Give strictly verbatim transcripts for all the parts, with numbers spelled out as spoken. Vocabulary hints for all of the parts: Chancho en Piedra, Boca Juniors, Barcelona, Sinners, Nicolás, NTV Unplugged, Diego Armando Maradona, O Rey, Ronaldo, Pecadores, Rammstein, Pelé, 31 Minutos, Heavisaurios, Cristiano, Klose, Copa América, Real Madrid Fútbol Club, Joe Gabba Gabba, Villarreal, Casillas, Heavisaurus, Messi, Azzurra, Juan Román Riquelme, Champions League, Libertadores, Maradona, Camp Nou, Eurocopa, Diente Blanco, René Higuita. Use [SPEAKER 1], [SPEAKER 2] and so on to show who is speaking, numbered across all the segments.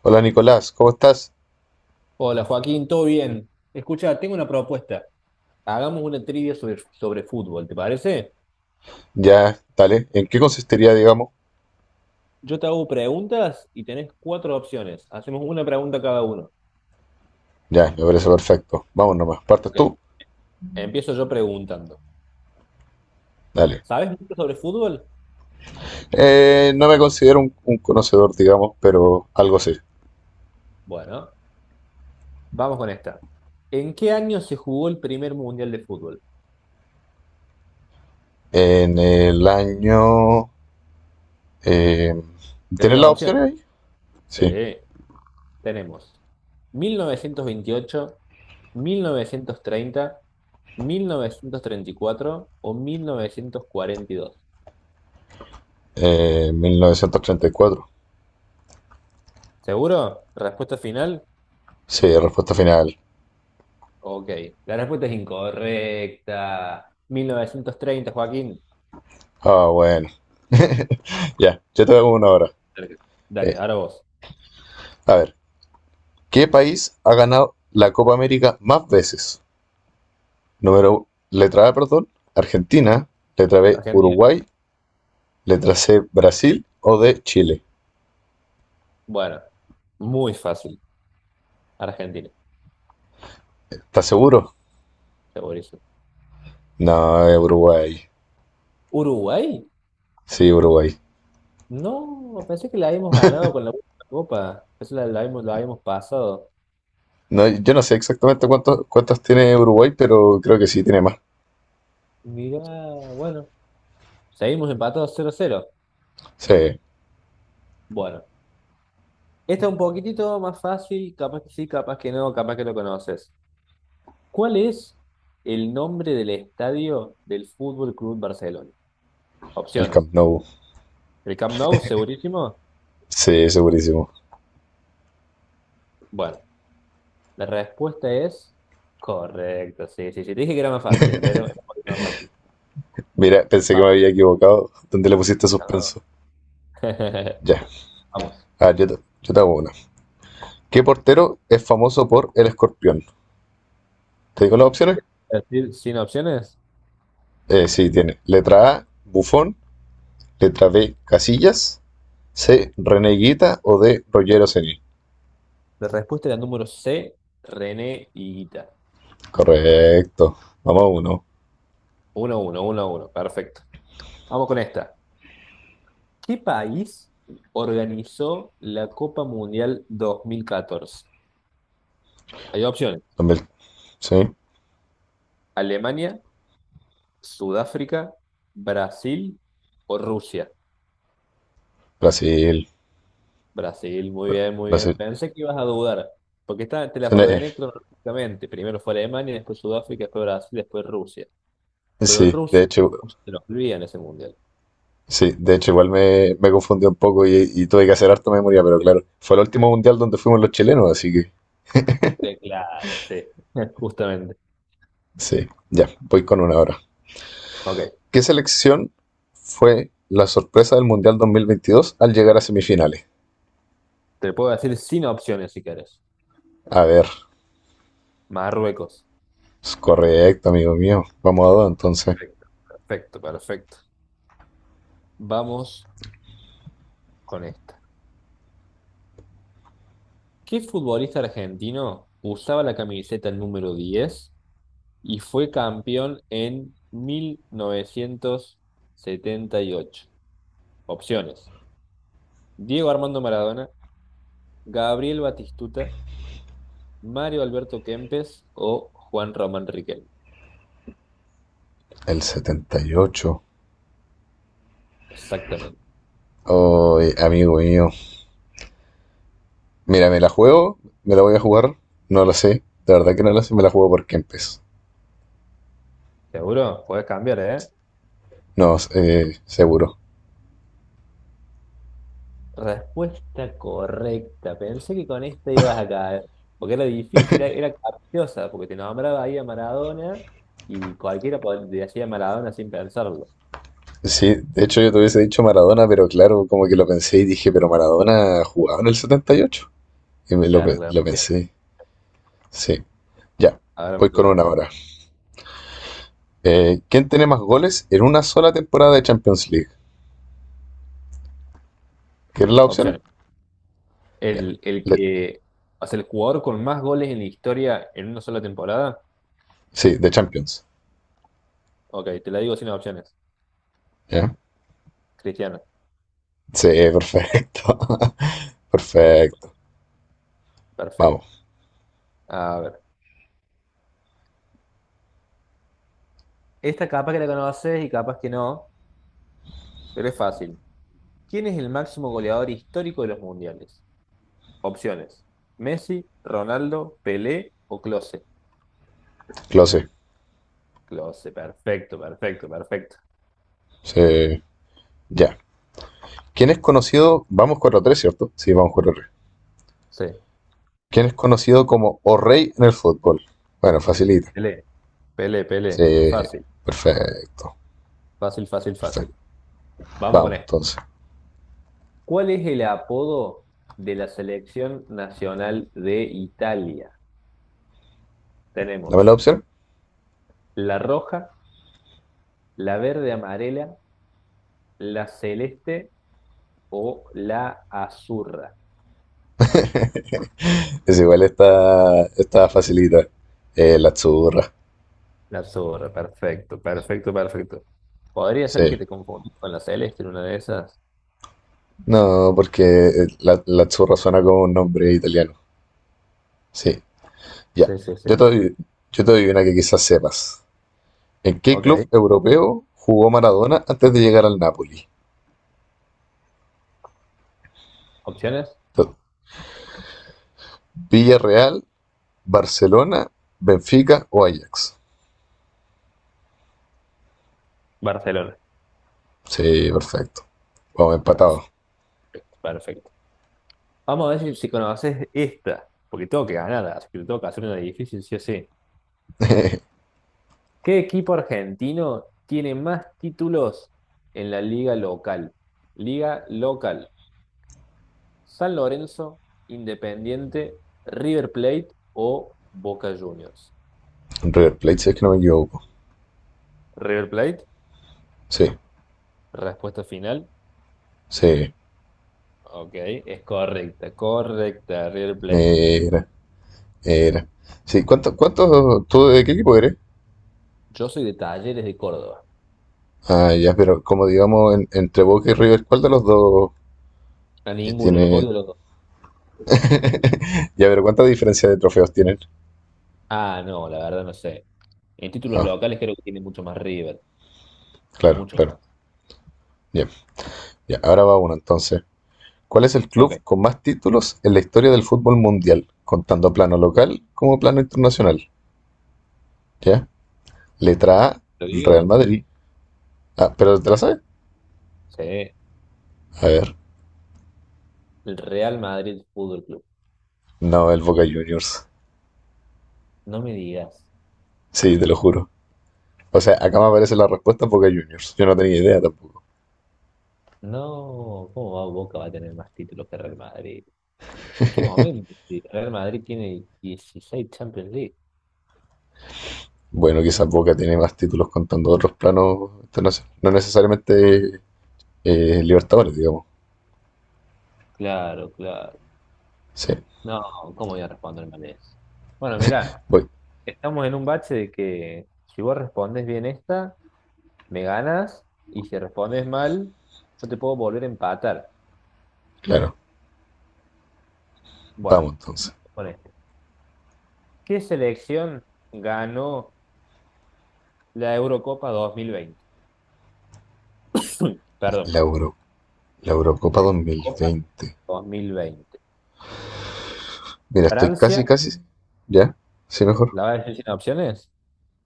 [SPEAKER 1] Hola Nicolás, ¿cómo estás?
[SPEAKER 2] Hola Joaquín, ¿todo bien? Escucha, tengo una propuesta. Hagamos una trivia sobre, sobre fútbol, ¿te parece?
[SPEAKER 1] Ya, dale. ¿En qué consistiría, digamos?
[SPEAKER 2] Yo te hago preguntas y tenés cuatro opciones. Hacemos una pregunta cada uno.
[SPEAKER 1] Ya, me parece perfecto. Vamos nomás, partes
[SPEAKER 2] Ok.
[SPEAKER 1] tú.
[SPEAKER 2] Empiezo yo preguntando.
[SPEAKER 1] Dale.
[SPEAKER 2] ¿Sabes mucho sobre fútbol?
[SPEAKER 1] Eh, no me considero un, un conocedor, digamos, pero algo sé.
[SPEAKER 2] Bueno, vamos con esta. ¿En qué año se jugó el primer mundial de fútbol?
[SPEAKER 1] En el año. eh,
[SPEAKER 2] Te doy
[SPEAKER 1] ¿tienes
[SPEAKER 2] las
[SPEAKER 1] las opciones
[SPEAKER 2] opciones.
[SPEAKER 1] ahí?
[SPEAKER 2] Sí,
[SPEAKER 1] Sí.
[SPEAKER 2] tenemos mil novecientos veintiocho, mil novecientos treinta, mil novecientos treinta y cuatro o mil novecientos cuarenta y dos.
[SPEAKER 1] Eh, mil novecientos treinta y cuatro.
[SPEAKER 2] ¿Seguro? ¿Respuesta final?
[SPEAKER 1] Sí, respuesta final.
[SPEAKER 2] Ok, la respuesta es incorrecta. Mil novecientos treinta, Joaquín.
[SPEAKER 1] Ah, bueno. Ya, yo te hago una hora.
[SPEAKER 2] Cerca.
[SPEAKER 1] Eh,
[SPEAKER 2] Dale, ahora vos.
[SPEAKER 1] a ver, ¿qué país ha ganado la Copa América más veces? Número, letra A, perdón, Argentina. Letra B,
[SPEAKER 2] Argentina.
[SPEAKER 1] Uruguay. Letra C, Brasil. O D, Chile.
[SPEAKER 2] Bueno, muy fácil. Argentina,
[SPEAKER 1] ¿Estás seguro?
[SPEAKER 2] segurísimo.
[SPEAKER 1] No, es Uruguay.
[SPEAKER 2] ¿Uruguay?
[SPEAKER 1] Sí, Uruguay.
[SPEAKER 2] No, pensé que la habíamos ganado con la última copa. Eso la, la habíamos, la habíamos pasado.
[SPEAKER 1] No, yo no sé exactamente cuántos, cuántas tiene Uruguay, pero creo que sí tiene más.
[SPEAKER 2] Mirá, bueno. Seguimos empatados cero cero.
[SPEAKER 1] Sí,
[SPEAKER 2] Bueno, esta es un poquitito más fácil. Capaz que sí, capaz que no, capaz que lo conoces. ¿Cuál es el nombre del estadio del Fútbol Club Barcelona?
[SPEAKER 1] el
[SPEAKER 2] Opciones.
[SPEAKER 1] Camp Nou.
[SPEAKER 2] ¿El Camp Nou, segurísimo?
[SPEAKER 1] Sí, segurísimo.
[SPEAKER 2] Bueno, la respuesta es correcta. Sí, sí, sí. Te dije que era más fácil. Esa, te era un poquito más fácil.
[SPEAKER 1] Mira, pensé que me
[SPEAKER 2] Vamos.
[SPEAKER 1] había equivocado. ¿Dónde le pusiste
[SPEAKER 2] No.
[SPEAKER 1] suspenso? Ya.
[SPEAKER 2] Vamos.
[SPEAKER 1] Ah, yo, te- yo te hago una. ¿Qué portero es famoso por el escorpión? ¿Te digo las opciones?
[SPEAKER 2] Decir. Sin opciones.
[SPEAKER 1] Eh, sí, tiene. Letra A, Buffon. Letra B, Casillas. C, reneguita o D, Roger Ceni.
[SPEAKER 2] La respuesta era el número C, René Higuita.
[SPEAKER 1] Correcto. Vamos a uno.
[SPEAKER 2] Uno, uno, uno, uno. Perfecto. Vamos con esta. ¿Qué país organizó la Copa Mundial dos mil catorce? Hay opciones.
[SPEAKER 1] También- sí,
[SPEAKER 2] Alemania, Sudáfrica, Brasil o Rusia.
[SPEAKER 1] Brasil.
[SPEAKER 2] Brasil, muy bien, muy bien.
[SPEAKER 1] Brasil.
[SPEAKER 2] Pensé que ibas a dudar, porque está, te las
[SPEAKER 1] Sí, eh,
[SPEAKER 2] ordené cronológicamente. Primero fue Alemania, después Sudáfrica, después Brasil, después Rusia. Pero
[SPEAKER 1] sí, de
[SPEAKER 2] Rusia
[SPEAKER 1] hecho,
[SPEAKER 2] no se nos olvida en ese mundial.
[SPEAKER 1] sí, de hecho igual me, me confundí un poco y, y tuve que hacer harta memoria, pero claro, fue el último mundial donde fuimos los chilenos, así que
[SPEAKER 2] Sí, claro, sí, justamente.
[SPEAKER 1] sí, ya, voy con una ahora.
[SPEAKER 2] Ok,
[SPEAKER 1] ¿Qué selección fue la sorpresa del Mundial dos mil veintidós al llegar a semifinales?
[SPEAKER 2] te puedo decir sin opciones si querés.
[SPEAKER 1] A ver,
[SPEAKER 2] Marruecos.
[SPEAKER 1] es correcto, amigo mío. Vamos a dos entonces.
[SPEAKER 2] Perfecto, perfecto, perfecto. Vamos con esta. ¿Qué futbolista argentino usaba la camiseta número diez y fue campeón en mil novecientos setenta y ocho? Opciones: Diego Armando Maradona, Gabriel Batistuta, Mario Alberto Kempes o Juan Román Riquelme.
[SPEAKER 1] El setenta y ocho.
[SPEAKER 2] Exactamente.
[SPEAKER 1] Oh, amigo mío. Mira, me la juego, me la voy a jugar. No lo sé. De verdad que no lo sé, me la juego por Kempes.
[SPEAKER 2] ¿Seguro? Puedes cambiar, ¿eh?
[SPEAKER 1] No, eh, seguro.
[SPEAKER 2] Respuesta correcta. Pensé que con esta ibas a caer. Porque era difícil, era, era capciosa, porque te nombraba ahí a Maradona y cualquiera pod- te decía Maradona sin pensarlo.
[SPEAKER 1] Sí, de hecho yo te hubiese dicho Maradona, pero claro, como que lo pensé y dije, pero Maradona jugaba en el setenta y ocho y me lo,
[SPEAKER 2] Claro,
[SPEAKER 1] pe-
[SPEAKER 2] claro.
[SPEAKER 1] lo
[SPEAKER 2] Muy bien.
[SPEAKER 1] pensé. Sí, ya,
[SPEAKER 2] Ahora me
[SPEAKER 1] voy con
[SPEAKER 2] toca a mí.
[SPEAKER 1] una hora. Eh, ¿Quién tiene más goles en una sola temporada de Champions League? ¿Quieres las opciones?
[SPEAKER 2] Opciones.
[SPEAKER 1] Ya.
[SPEAKER 2] El, el
[SPEAKER 1] Le-
[SPEAKER 2] que. Hace el jugador con más goles en la historia en una sola temporada.
[SPEAKER 1] sí, de Champions.
[SPEAKER 2] Ok, te la digo sin opciones.
[SPEAKER 1] ¿Ya?
[SPEAKER 2] Cristiano.
[SPEAKER 1] Sí, perfecto.
[SPEAKER 2] Perfecto,
[SPEAKER 1] Perfecto.
[SPEAKER 2] perfecto.
[SPEAKER 1] Vamos,
[SPEAKER 2] A ver. Esta capaz que la conoces y capaz que no, pero es fácil. ¿Quién es el máximo goleador histórico de los mundiales? Opciones. Messi, Ronaldo, Pelé o Klose.
[SPEAKER 1] clase.
[SPEAKER 2] Klose, perfecto, perfecto, perfecto.
[SPEAKER 1] Se- ya. ¿Quién es conocido? Vamos cuatro tres, ¿cierto? Sí, vamos cuatro tres.
[SPEAKER 2] Sí.
[SPEAKER 1] ¿Quién es conocido como O Rey en el fútbol? Bueno, facilita.
[SPEAKER 2] Pelé. Pelé, Pelé.
[SPEAKER 1] Sí,
[SPEAKER 2] Fácil,
[SPEAKER 1] perfecto.
[SPEAKER 2] fácil, fácil,
[SPEAKER 1] Perfecto.
[SPEAKER 2] fácil. Vamos con
[SPEAKER 1] Vamos,
[SPEAKER 2] esto.
[SPEAKER 1] entonces.
[SPEAKER 2] ¿Cuál es el apodo de la selección nacional de Italia?
[SPEAKER 1] Dame la
[SPEAKER 2] Tenemos
[SPEAKER 1] opción.
[SPEAKER 2] la roja, la verde amarela, la celeste o la azurra.
[SPEAKER 1] Es igual esta, esta facilita. Eh, la Azzurra.
[SPEAKER 2] La azurra, perfecto, perfecto, perfecto. Podría ser que
[SPEAKER 1] Sí.
[SPEAKER 2] te confundas con la celeste en una de esas.
[SPEAKER 1] No, porque eh, la, la Azzurra suena como un nombre italiano. Sí. Ya.
[SPEAKER 2] Sí, sí, sí.
[SPEAKER 1] Yo te doy, yo te doy una que quizás sepas. ¿En qué club
[SPEAKER 2] Ok.
[SPEAKER 1] europeo jugó Maradona antes de llegar al Napoli?
[SPEAKER 2] Opciones,
[SPEAKER 1] Entonces, Villarreal, Barcelona, Benfica o Ajax.
[SPEAKER 2] Barcelona.
[SPEAKER 1] Sí, perfecto. Vamos empatados.
[SPEAKER 2] Perfecto, perfecto. Vamos a ver si, si conoces esta, porque tengo que ganar, así que tengo que hacer una difícil, sí o sí. ¿Qué equipo argentino tiene más títulos en la liga local? Liga local. San Lorenzo, Independiente, River Plate o Boca Juniors.
[SPEAKER 1] River Plate, si es que no me equivoco.
[SPEAKER 2] River Plate,
[SPEAKER 1] Sí,
[SPEAKER 2] respuesta final.
[SPEAKER 1] sí.
[SPEAKER 2] Ok, es correcta, correcta, River Plate.
[SPEAKER 1] Mira, mira. Sí, cuántos? cuántos tú de qué equipo eres?
[SPEAKER 2] Yo soy de Talleres de Córdoba.
[SPEAKER 1] Ah, ya, pero como digamos, en- entre Boca y River, ¿cuál de los dos
[SPEAKER 2] A
[SPEAKER 1] que
[SPEAKER 2] ninguno, los
[SPEAKER 1] tiene?
[SPEAKER 2] odio a los dos.
[SPEAKER 1] Ya, pero ¿cuánta diferencia de trofeos tienen?
[SPEAKER 2] Ah, no, la verdad no sé. En títulos
[SPEAKER 1] Ah,
[SPEAKER 2] locales creo que tiene mucho más River,
[SPEAKER 1] claro,
[SPEAKER 2] muchos
[SPEAKER 1] claro.
[SPEAKER 2] más.
[SPEAKER 1] Bien, ya, ahora va uno entonces. ¿Cuál es el
[SPEAKER 2] Ok,
[SPEAKER 1] club con más títulos en la historia del fútbol mundial, contando plano local como plano internacional? ¿Ya? Letra A,
[SPEAKER 2] ¿lo
[SPEAKER 1] Real
[SPEAKER 2] digo?
[SPEAKER 1] Madrid. Ah, pero ¿te la sabes?
[SPEAKER 2] Sí,
[SPEAKER 1] A ver.
[SPEAKER 2] el Real Madrid Fútbol Club.
[SPEAKER 1] No, el Boca Juniors.
[SPEAKER 2] No me digas.
[SPEAKER 1] Sí, te lo juro. O sea, acá me aparece la respuesta Boca Juniors. Yo no tenía idea tampoco.
[SPEAKER 2] No, ¿cómo va Boca va a tener más títulos que Real Madrid? ¿En qué momento? Si Real Madrid tiene dieciséis Champions League.
[SPEAKER 1] Bueno, quizás Boca tiene más títulos contando otros planos internacionales. No necesariamente eh, Libertadores, digamos.
[SPEAKER 2] Claro, claro.
[SPEAKER 1] Sí,
[SPEAKER 2] No, ¿cómo voy a responder mal eso? Bueno, mira,
[SPEAKER 1] voy,
[SPEAKER 2] estamos en un bache de que si vos respondes bien esta, me ganas, y si respondes mal, yo te puedo volver a empatar.
[SPEAKER 1] claro.
[SPEAKER 2] Bueno,
[SPEAKER 1] Vamos entonces.
[SPEAKER 2] con esto. ¿Qué selección ganó la Eurocopa dos mil veinte? Perdón,
[SPEAKER 1] La, Euro- la Eurocopa
[SPEAKER 2] la Eurocopa
[SPEAKER 1] dos mil veinte.
[SPEAKER 2] dos mil veinte.
[SPEAKER 1] Mira, estoy casi,
[SPEAKER 2] ¿Francia?
[SPEAKER 1] casi. ¿Ya? Sí, mejor.
[SPEAKER 2] ¿La vas a decir sin opciones?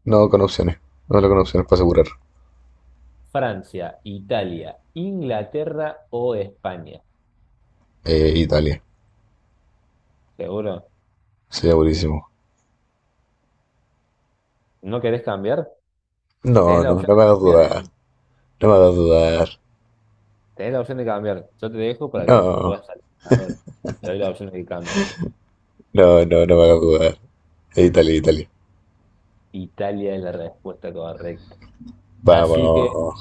[SPEAKER 1] No, con opciones. No, no con opciones para asegurar.
[SPEAKER 2] Francia, Italia, Inglaterra o España.
[SPEAKER 1] Eh, Italia.
[SPEAKER 2] ¿Seguro?
[SPEAKER 1] Sería buenísimo.
[SPEAKER 2] ¿No querés cambiar? Tenés
[SPEAKER 1] No,
[SPEAKER 2] la
[SPEAKER 1] no, no
[SPEAKER 2] opción
[SPEAKER 1] me
[SPEAKER 2] de
[SPEAKER 1] hagas
[SPEAKER 2] cambiar,
[SPEAKER 1] dudar.
[SPEAKER 2] ¿eh?
[SPEAKER 1] No me hagas dudar.
[SPEAKER 2] Tenés la opción de cambiar. Yo te dejo para que
[SPEAKER 1] No,
[SPEAKER 2] puedas salir ganador. Te doy la opción de que cambies.
[SPEAKER 1] no, no, no me hagas dudar. Eh, Italia, Italia.
[SPEAKER 2] Italia es la respuesta correcta. Así que,
[SPEAKER 1] Vamos.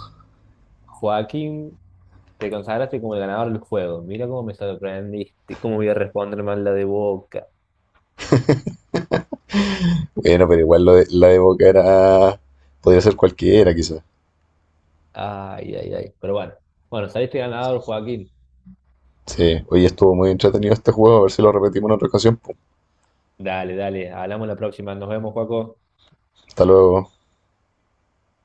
[SPEAKER 2] Joaquín, te consagraste como el ganador del juego. Mira cómo me sorprendiste. Cómo voy a responder mal la de Boca.
[SPEAKER 1] Bueno, pero igual lo de, la de Boca era. Podría ser cualquiera, quizás.
[SPEAKER 2] Ay, ay, ay. Pero bueno. Bueno, saliste ganador, Joaquín.
[SPEAKER 1] Sí, hoy estuvo muy entretenido este juego. A ver si lo repetimos en otra ocasión, po.
[SPEAKER 2] Dale, dale. Hablamos la próxima. Nos vemos, Joaco.
[SPEAKER 1] Hasta luego.